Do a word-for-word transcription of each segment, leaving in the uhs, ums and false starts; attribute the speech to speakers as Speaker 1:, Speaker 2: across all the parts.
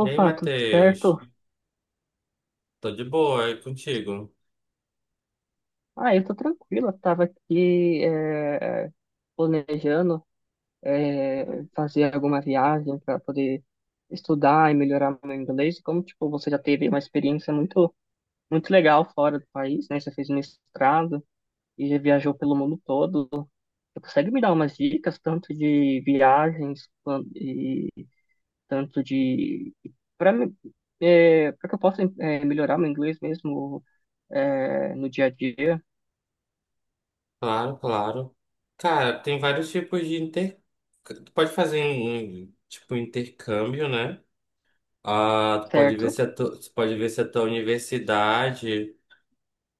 Speaker 1: E aí,
Speaker 2: tudo
Speaker 1: Matheus?
Speaker 2: certo?
Speaker 1: Tô de boa, é contigo?
Speaker 2: Ah, eu tô tranquilo. Eu tava aqui eh, planejando eh, fazer alguma viagem para poder estudar e melhorar meu inglês. E Como tipo você já teve uma experiência muito muito legal fora do país, né? Você fez mestrado e já viajou pelo mundo todo. Você consegue me dar umas dicas tanto de viagens quan- e tanto de para para que eu possa eh, melhorar meu inglês mesmo eh, no dia a dia?
Speaker 1: Claro, claro. Cara, tem vários tipos de inter... Tu pode fazer um, um, tipo, intercâmbio, né? Ah, tu pode ver
Speaker 2: Certo.
Speaker 1: se a tu... tu pode ver se a tua universidade,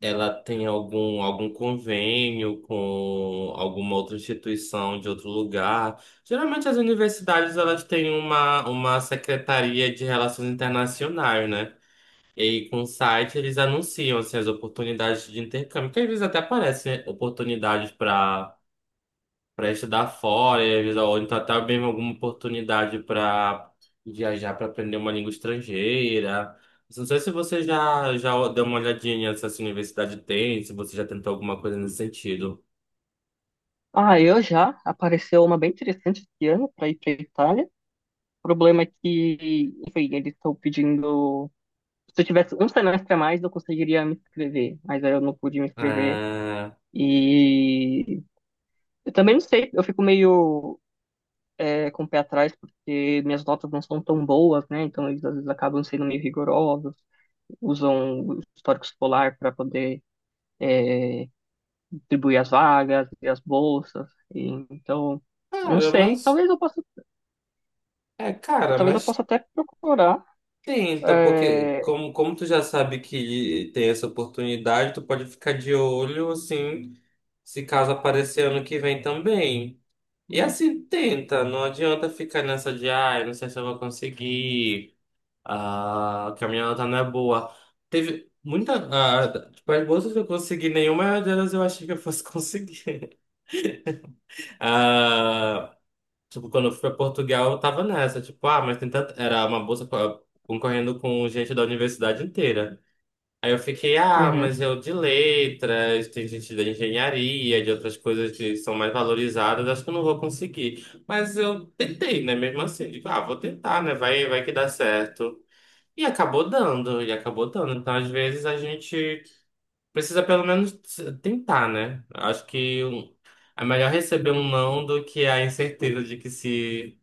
Speaker 1: ela tem algum, algum convênio com alguma outra instituição de outro lugar. Geralmente as universidades, elas têm uma, uma secretaria de relações internacionais, né? E aí, com o site, eles anunciam assim, as oportunidades de intercâmbio, que às vezes até aparecem, né? Oportunidades para para estudar fora, e às vezes, ou então até mesmo alguma oportunidade para viajar para aprender uma língua estrangeira. Não sei se você já, já deu uma olhadinha nessa essa universidade tem, se você já tentou alguma coisa nesse sentido.
Speaker 2: Ah, eu já apareceu uma bem interessante esse ano para ir para Itália. O problema é que, enfim, eles estão pedindo. Se eu tivesse um semestre a mais, eu conseguiria me inscrever, mas aí eu não pude me inscrever.
Speaker 1: Ah,
Speaker 2: E eu também não sei, eu fico meio é, com o pé atrás, porque minhas notas não são tão boas, né? Então eles às vezes acabam sendo meio rigorosos, usam o histórico escolar para poder é, distribuir as vagas e as bolsas. E, então. Eu Não
Speaker 1: cara,
Speaker 2: sei,
Speaker 1: mas.
Speaker 2: talvez eu possa
Speaker 1: É, cara,
Speaker 2: talvez eu possa
Speaker 1: mas
Speaker 2: até procurar.
Speaker 1: tenta, porque
Speaker 2: é,
Speaker 1: como, como tu já sabe que tem essa oportunidade, tu pode ficar de olho, assim. Se caso aparecer ano que vem também. E assim, tenta, não adianta ficar nessa de, ai, não sei se eu vou conseguir, ah, que a minha nota não é boa. Teve muita, ah, tipo, as bolsas que eu consegui, nenhuma delas eu achei que eu fosse conseguir. Ah, tipo, quando eu fui pra Portugal, eu tava nessa, tipo, ah, mas tem tanta, era uma bolsa co- concorrendo com gente da universidade inteira. Aí eu fiquei, ah,
Speaker 2: uhum.
Speaker 1: mas eu de letras, tem gente da engenharia, de outras coisas que são mais valorizadas, acho que eu não vou conseguir. Mas eu tentei, né? Mesmo assim, digo, ah, vou tentar, né? Vai, vai que dá certo. E acabou dando, e acabou dando. Então, às vezes, a gente precisa pelo menos t- tentar, né? Acho que o- é melhor receber um não do que a incerteza de que se,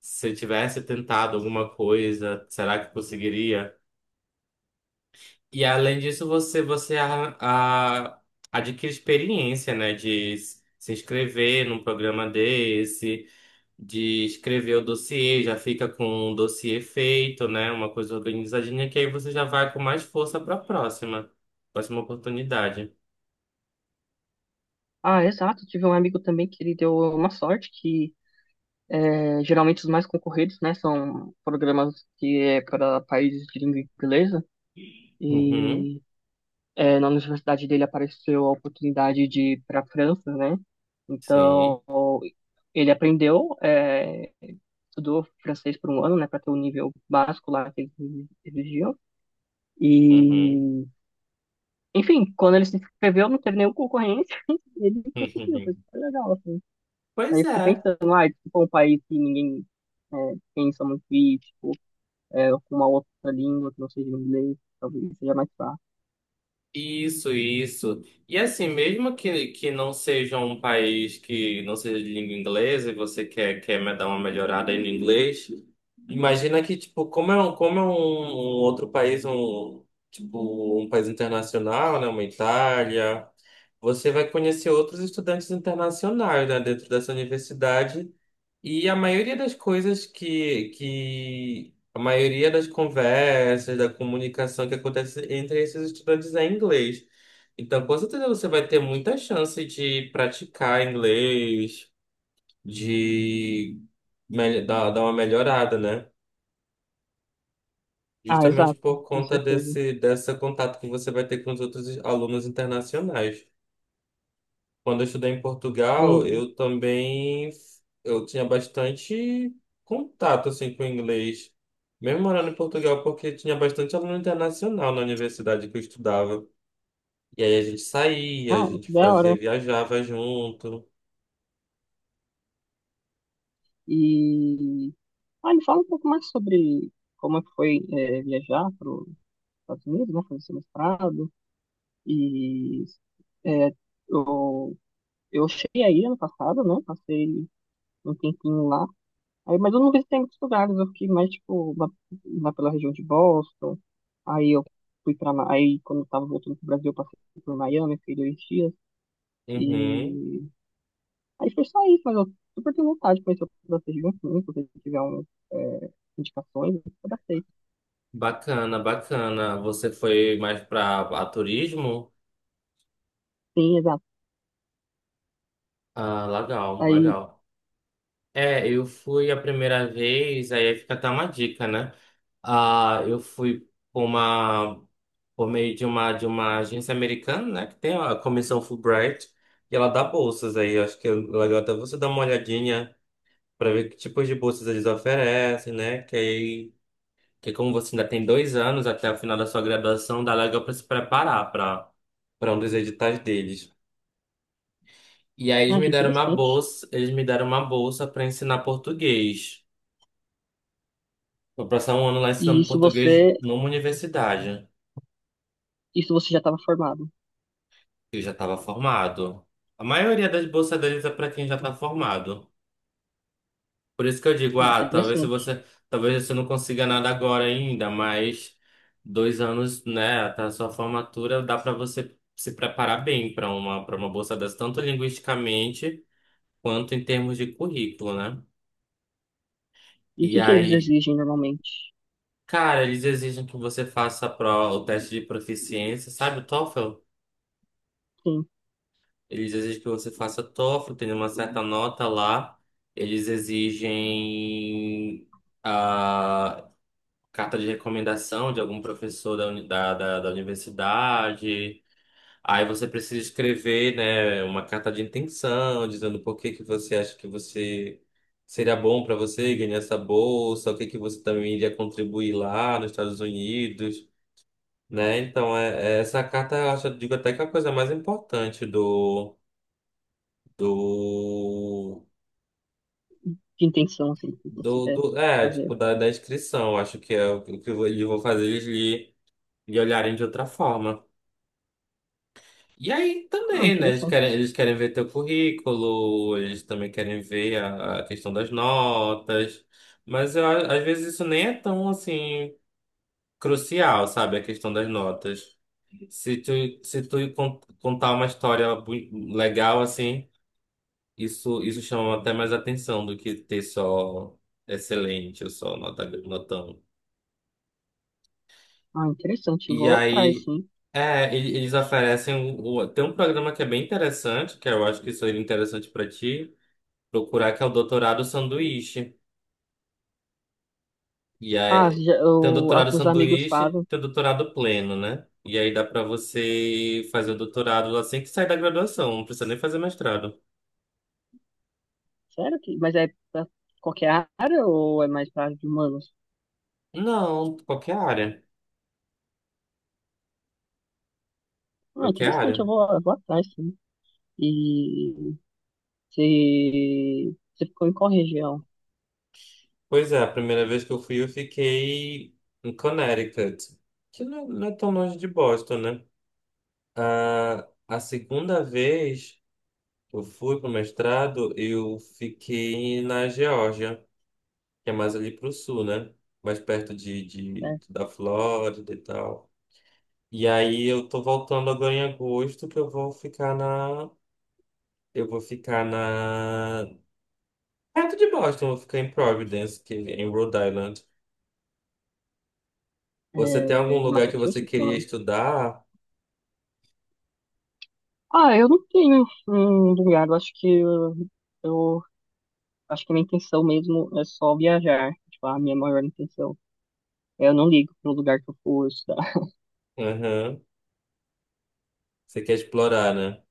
Speaker 1: se eu tivesse tentado alguma coisa, será que conseguiria? E além disso, você, você a- a- adquire experiência, né? De s- se inscrever num programa desse, de escrever o dossiê, já fica com um dossiê feito, né? Uma coisa organizadinha, que aí você já vai com mais força para a próxima, próxima oportunidade.
Speaker 2: Ah, exato. Tive um amigo também que ele deu uma sorte que é, geralmente os mais concorridos, né, são programas que é para países de língua inglesa.
Speaker 1: Uhum,
Speaker 2: E é, na universidade dele apareceu a oportunidade de ir para a França, né?
Speaker 1: sim.
Speaker 2: Então ele aprendeu, é, estudou francês por um ano, né, para ter o nível básico lá que eles exigiam.
Speaker 1: Uhum.
Speaker 2: E Enfim, quando ele se inscreveu, não teve nenhum concorrente, e ele conseguiu, foi super legal, assim. Aí
Speaker 1: Pois
Speaker 2: eu fico
Speaker 1: é.
Speaker 2: pensando, ah, tipo, é um país que ninguém é, pensa muito e, tipo, é, com uma outra língua que não seja o inglês, talvez seja mais fácil.
Speaker 1: Isso, isso. E assim, mesmo que, que não seja um país que não seja de língua inglesa e você quer, quer me dar uma melhorada aí no inglês, imagina que, tipo, como é um, como é um, um outro país, um, tipo, um país internacional, né, uma Itália, você vai conhecer outros estudantes internacionais, né, dentro dessa universidade e a maioria das coisas que, que a maioria das conversas, da comunicação que acontece entre esses estudantes é em inglês. Então, com certeza você vai ter muita chance de praticar inglês, de mel- dar, dar uma melhorada, né?
Speaker 2: Ah,
Speaker 1: Justamente
Speaker 2: exato,
Speaker 1: por
Speaker 2: com
Speaker 1: conta
Speaker 2: certeza.
Speaker 1: desse, desse contato que você vai ter com os outros alunos internacionais. Quando eu estudei em
Speaker 2: Mas,
Speaker 1: Portugal, eu também eu tinha bastante contato assim com o inglês, mesmo morando em Portugal, porque tinha bastante aluno internacional na universidade que eu estudava. E aí a gente saía, a
Speaker 2: ah,
Speaker 1: gente
Speaker 2: que da hora.
Speaker 1: fazia, viajava junto.
Speaker 2: E, ah, me fala um pouco mais sobre como é que foi é, viajar para os Estados Unidos, né, fazer seu mestrado, e é, eu, eu cheguei aí ano passado, né, passei um tempinho lá. Aí, mas eu não visitei muitos lugares, eu fiquei mais, tipo, lá, lá pela região de Boston. Aí eu fui pra. Ma- Aí, quando eu tava voltando pro Brasil, eu passei por Miami, fiquei dois dias.
Speaker 1: Uhum.
Speaker 2: E. Aí foi só isso, mas eu super tenho vontade de conhecer outras regiões, sim, se você tiver um, é, indicações, eu abracei.
Speaker 1: Bacana, bacana. Você foi mais para turismo?
Speaker 2: Sim, exato.
Speaker 1: Ah, legal,
Speaker 2: Aí.
Speaker 1: legal. É, eu fui a primeira vez, aí fica até uma dica, né? Ah, eu fui para uma por meio de uma, de uma agência americana, né, que tem a comissão Fulbright, e ela dá bolsas aí. Eu acho que é legal até você dar uma olhadinha para ver que tipos de bolsas eles oferecem, né, que aí, que como você ainda tem dois anos até o final da sua graduação, dá legal para se preparar para para um dos editais deles. E aí eles
Speaker 2: Ah,
Speaker 1: me
Speaker 2: que
Speaker 1: deram uma
Speaker 2: interessante.
Speaker 1: bolsa, eles me deram uma bolsa para ensinar português. Vou passar um ano lá
Speaker 2: E
Speaker 1: ensinando
Speaker 2: isso
Speaker 1: português
Speaker 2: você.
Speaker 1: numa universidade.
Speaker 2: Isso você já estava formado.
Speaker 1: Eu já estava formado. A maioria das bolsas deles é para quem já está formado. Por isso que eu digo,
Speaker 2: Ah,
Speaker 1: ah, talvez se
Speaker 2: interessante.
Speaker 1: você, talvez você não consiga nada agora ainda, mas dois anos, né, até a sua formatura dá para você se preparar bem para uma para uma bolsa dessa, tanto linguisticamente quanto em termos de currículo, né?
Speaker 2: E o
Speaker 1: E
Speaker 2: que que eles
Speaker 1: aí,
Speaker 2: exigem normalmente?
Speaker 1: cara, eles exigem que você faça a prova, o teste de proficiência, sabe, o T O E F L?
Speaker 2: Sim,
Speaker 1: Eles exigem que você faça tófel, tenha uma certa nota lá. Eles exigem ah, carta de recomendação de algum professor da, uni- da, da, da universidade. Aí você precisa escrever, né, uma carta de intenção, dizendo por que que você acha que você seria bom para você ganhar essa bolsa, o que que você também iria contribuir lá nos Estados Unidos, né? Então, é, é- essa carta, eu acho, eu digo até que é a coisa mais importante do, do
Speaker 2: de intenção, assim, do que você
Speaker 1: Do,
Speaker 2: quer
Speaker 1: do, é,
Speaker 2: fazer.
Speaker 1: tipo, da, da inscrição. Eu acho que é o que o que eu vou- eles vão fazer eles lhe, lhe olharem de outra forma. E aí
Speaker 2: Ah,
Speaker 1: também, né? Eles querem,
Speaker 2: interessante.
Speaker 1: eles querem ver teu currículo, eles também querem ver a, a questão das notas. Mas eu a- às vezes isso nem é tão assim crucial, sabe? A questão das notas. Se tu, se tu con- contar uma história bu- legal assim, isso, isso chama até mais atenção do que ter só excelente ou só nota, notão.
Speaker 2: Ah, interessante.
Speaker 1: E
Speaker 2: Vou atrás,
Speaker 1: aí.
Speaker 2: sim.
Speaker 1: É, ele- eles oferecem. o- o- Tem um programa que é bem interessante, que eu acho que seria interessante pra ti, procurar que é o doutorado sanduíche. E
Speaker 2: Ah,
Speaker 1: aí
Speaker 2: já,
Speaker 1: tem o
Speaker 2: eu,
Speaker 1: doutorado
Speaker 2: alguns amigos
Speaker 1: sanduíche,
Speaker 2: fazem.
Speaker 1: tem o doutorado pleno, né? E aí dá pra você fazer o doutorado assim que sai da graduação, não precisa nem fazer mestrado.
Speaker 2: Sério que? Mas é pra qualquer área ou é mais pra área de humanos?
Speaker 1: Não, qualquer área,
Speaker 2: Ah,
Speaker 1: qualquer
Speaker 2: interessante. Eu
Speaker 1: área.
Speaker 2: vou, eu vou atrás, sim. E você, você ficou em qual região?
Speaker 1: Pois é, a primeira vez que eu fui eu fiquei em Connecticut, que não, não é tão longe de Boston, né? Ah, a segunda vez que eu fui pro mestrado, eu fiquei na Geórgia, que é mais ali pro sul, né? Mais perto de, de,
Speaker 2: Né?
Speaker 1: da Flórida e tal. E aí eu tô voltando agora em agosto, que eu vou ficar na. Eu vou ficar na. Perto de Boston, eu vou ficar em Providence, que é em Rhode Island. Você tem algum
Speaker 2: É, em
Speaker 1: lugar que você
Speaker 2: Massachusetts ou
Speaker 1: queria
Speaker 2: não?
Speaker 1: estudar?
Speaker 2: Ah, eu não tenho um lugar. Eu acho que eu, eu acho que a minha intenção mesmo é só viajar. Tipo, a minha maior intenção. Eu não ligo pro lugar que eu for estudar.
Speaker 1: Aham. Você quer explorar, né?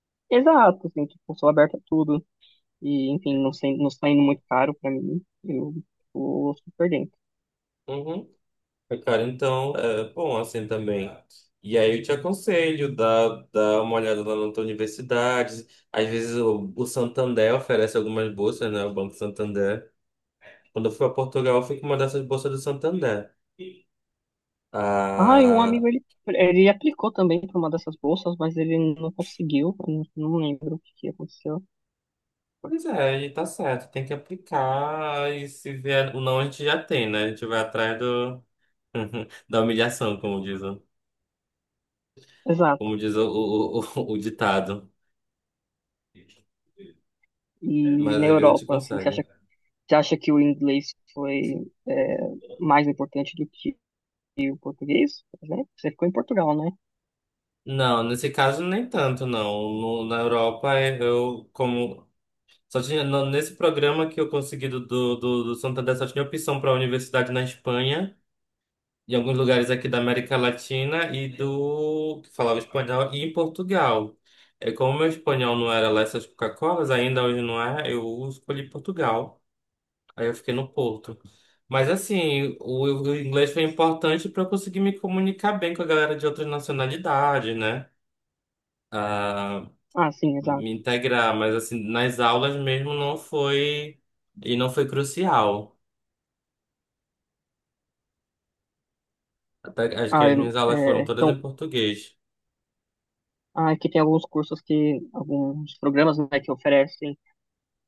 Speaker 2: Exato, assim, tipo, sou aberta a tudo. E, enfim, não sei, não está indo muito caro pra mim. Eu tô super dentro.
Speaker 1: Uhum. Cara, então, é bom assim também. E aí eu te aconselho, dá, dá uma olhada lá na tua universidade. Às vezes o, o Santander oferece algumas bolsas, né? O Banco Santander. Quando eu fui para Portugal, eu fui com uma dessas bolsas do Santander.
Speaker 2: Ah, e um
Speaker 1: Ah,
Speaker 2: amigo, ele, ele aplicou também pra uma dessas bolsas, mas ele não conseguiu. Eu não, não lembro o que que aconteceu.
Speaker 1: pois é, e tá certo. Tem que aplicar e se vier o não, a gente já tem, né? A gente vai atrás do, da humilhação, como diz, o-
Speaker 2: Exato.
Speaker 1: como diz o, o, o, o ditado.
Speaker 2: E
Speaker 1: Mas às
Speaker 2: na
Speaker 1: vezes a gente
Speaker 2: Europa, assim, você
Speaker 1: consegue.
Speaker 2: acha, você acha que o inglês foi é, mais importante do que o português? por exemplo? Você ficou em Portugal, né?
Speaker 1: Não, nesse caso nem tanto, não. No- na Europa, eh, eu como só tinha no- nesse programa que eu consegui do, do, do, do Santander só tinha opção para a universidade na Espanha, em alguns lugares aqui da América Latina e do que falava espanhol e em Portugal. É como meu espanhol não era lá essas Coca-Colas, ainda hoje não é, eu escolhi Portugal. Aí eu fiquei no Porto. Mas assim, o, o inglês foi importante para eu conseguir me comunicar bem com a galera de outras nacionalidades, né? Ah,
Speaker 2: Ah, sim, exato.
Speaker 1: me integrar, mas assim, nas aulas mesmo não foi e não foi crucial. Até acho que
Speaker 2: Ah, é,
Speaker 1: as minhas aulas
Speaker 2: é,
Speaker 1: foram todas
Speaker 2: então,
Speaker 1: em português.
Speaker 2: ah, aqui tem alguns cursos que, alguns programas, né, que oferecem.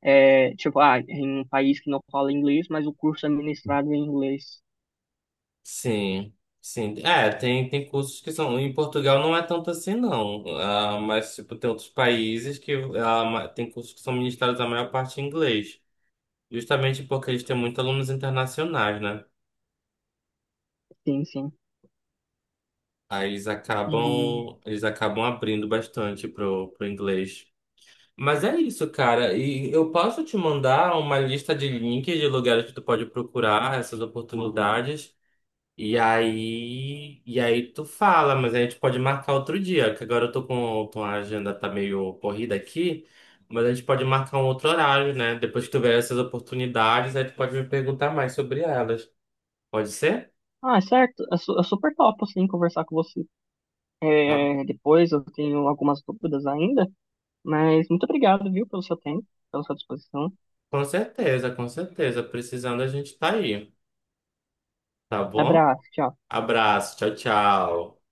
Speaker 2: É, tipo, ah, em um país que não fala inglês, mas o curso é ministrado em inglês.
Speaker 1: Sim. Sim, é, tem, tem cursos que são. Em Portugal não é tanto assim, não. Ah, mas, tipo, tem outros países que ah, ma- tem cursos que são ministrados a maior parte em inglês. Justamente porque eles têm muitos alunos internacionais, né?
Speaker 2: Sim, sim.
Speaker 1: Aí eles
Speaker 2: E.
Speaker 1: acabam, eles acabam abrindo bastante pro, pro inglês. Mas é isso, cara. E eu posso te mandar uma lista de links de lugares que tu pode procurar essas oportunidades. E aí, e aí tu fala, mas a gente pode marcar outro dia, que agora eu tô com, com a agenda tá meio corrida aqui, mas a gente pode marcar um outro horário, né? Depois que tu ver essas oportunidades, aí tu pode me perguntar mais sobre elas. Pode ser?
Speaker 2: Ah, é certo. eu su- é super top, assim, conversar com você.
Speaker 1: Tá,
Speaker 2: É, depois eu tenho algumas dúvidas ainda, mas muito obrigado, viu, pelo seu tempo, pela sua disposição.
Speaker 1: com certeza, com certeza. Precisando, a gente tá aí, tá bom?
Speaker 2: Abraço, tchau.
Speaker 1: Abraço, tchau, tchau.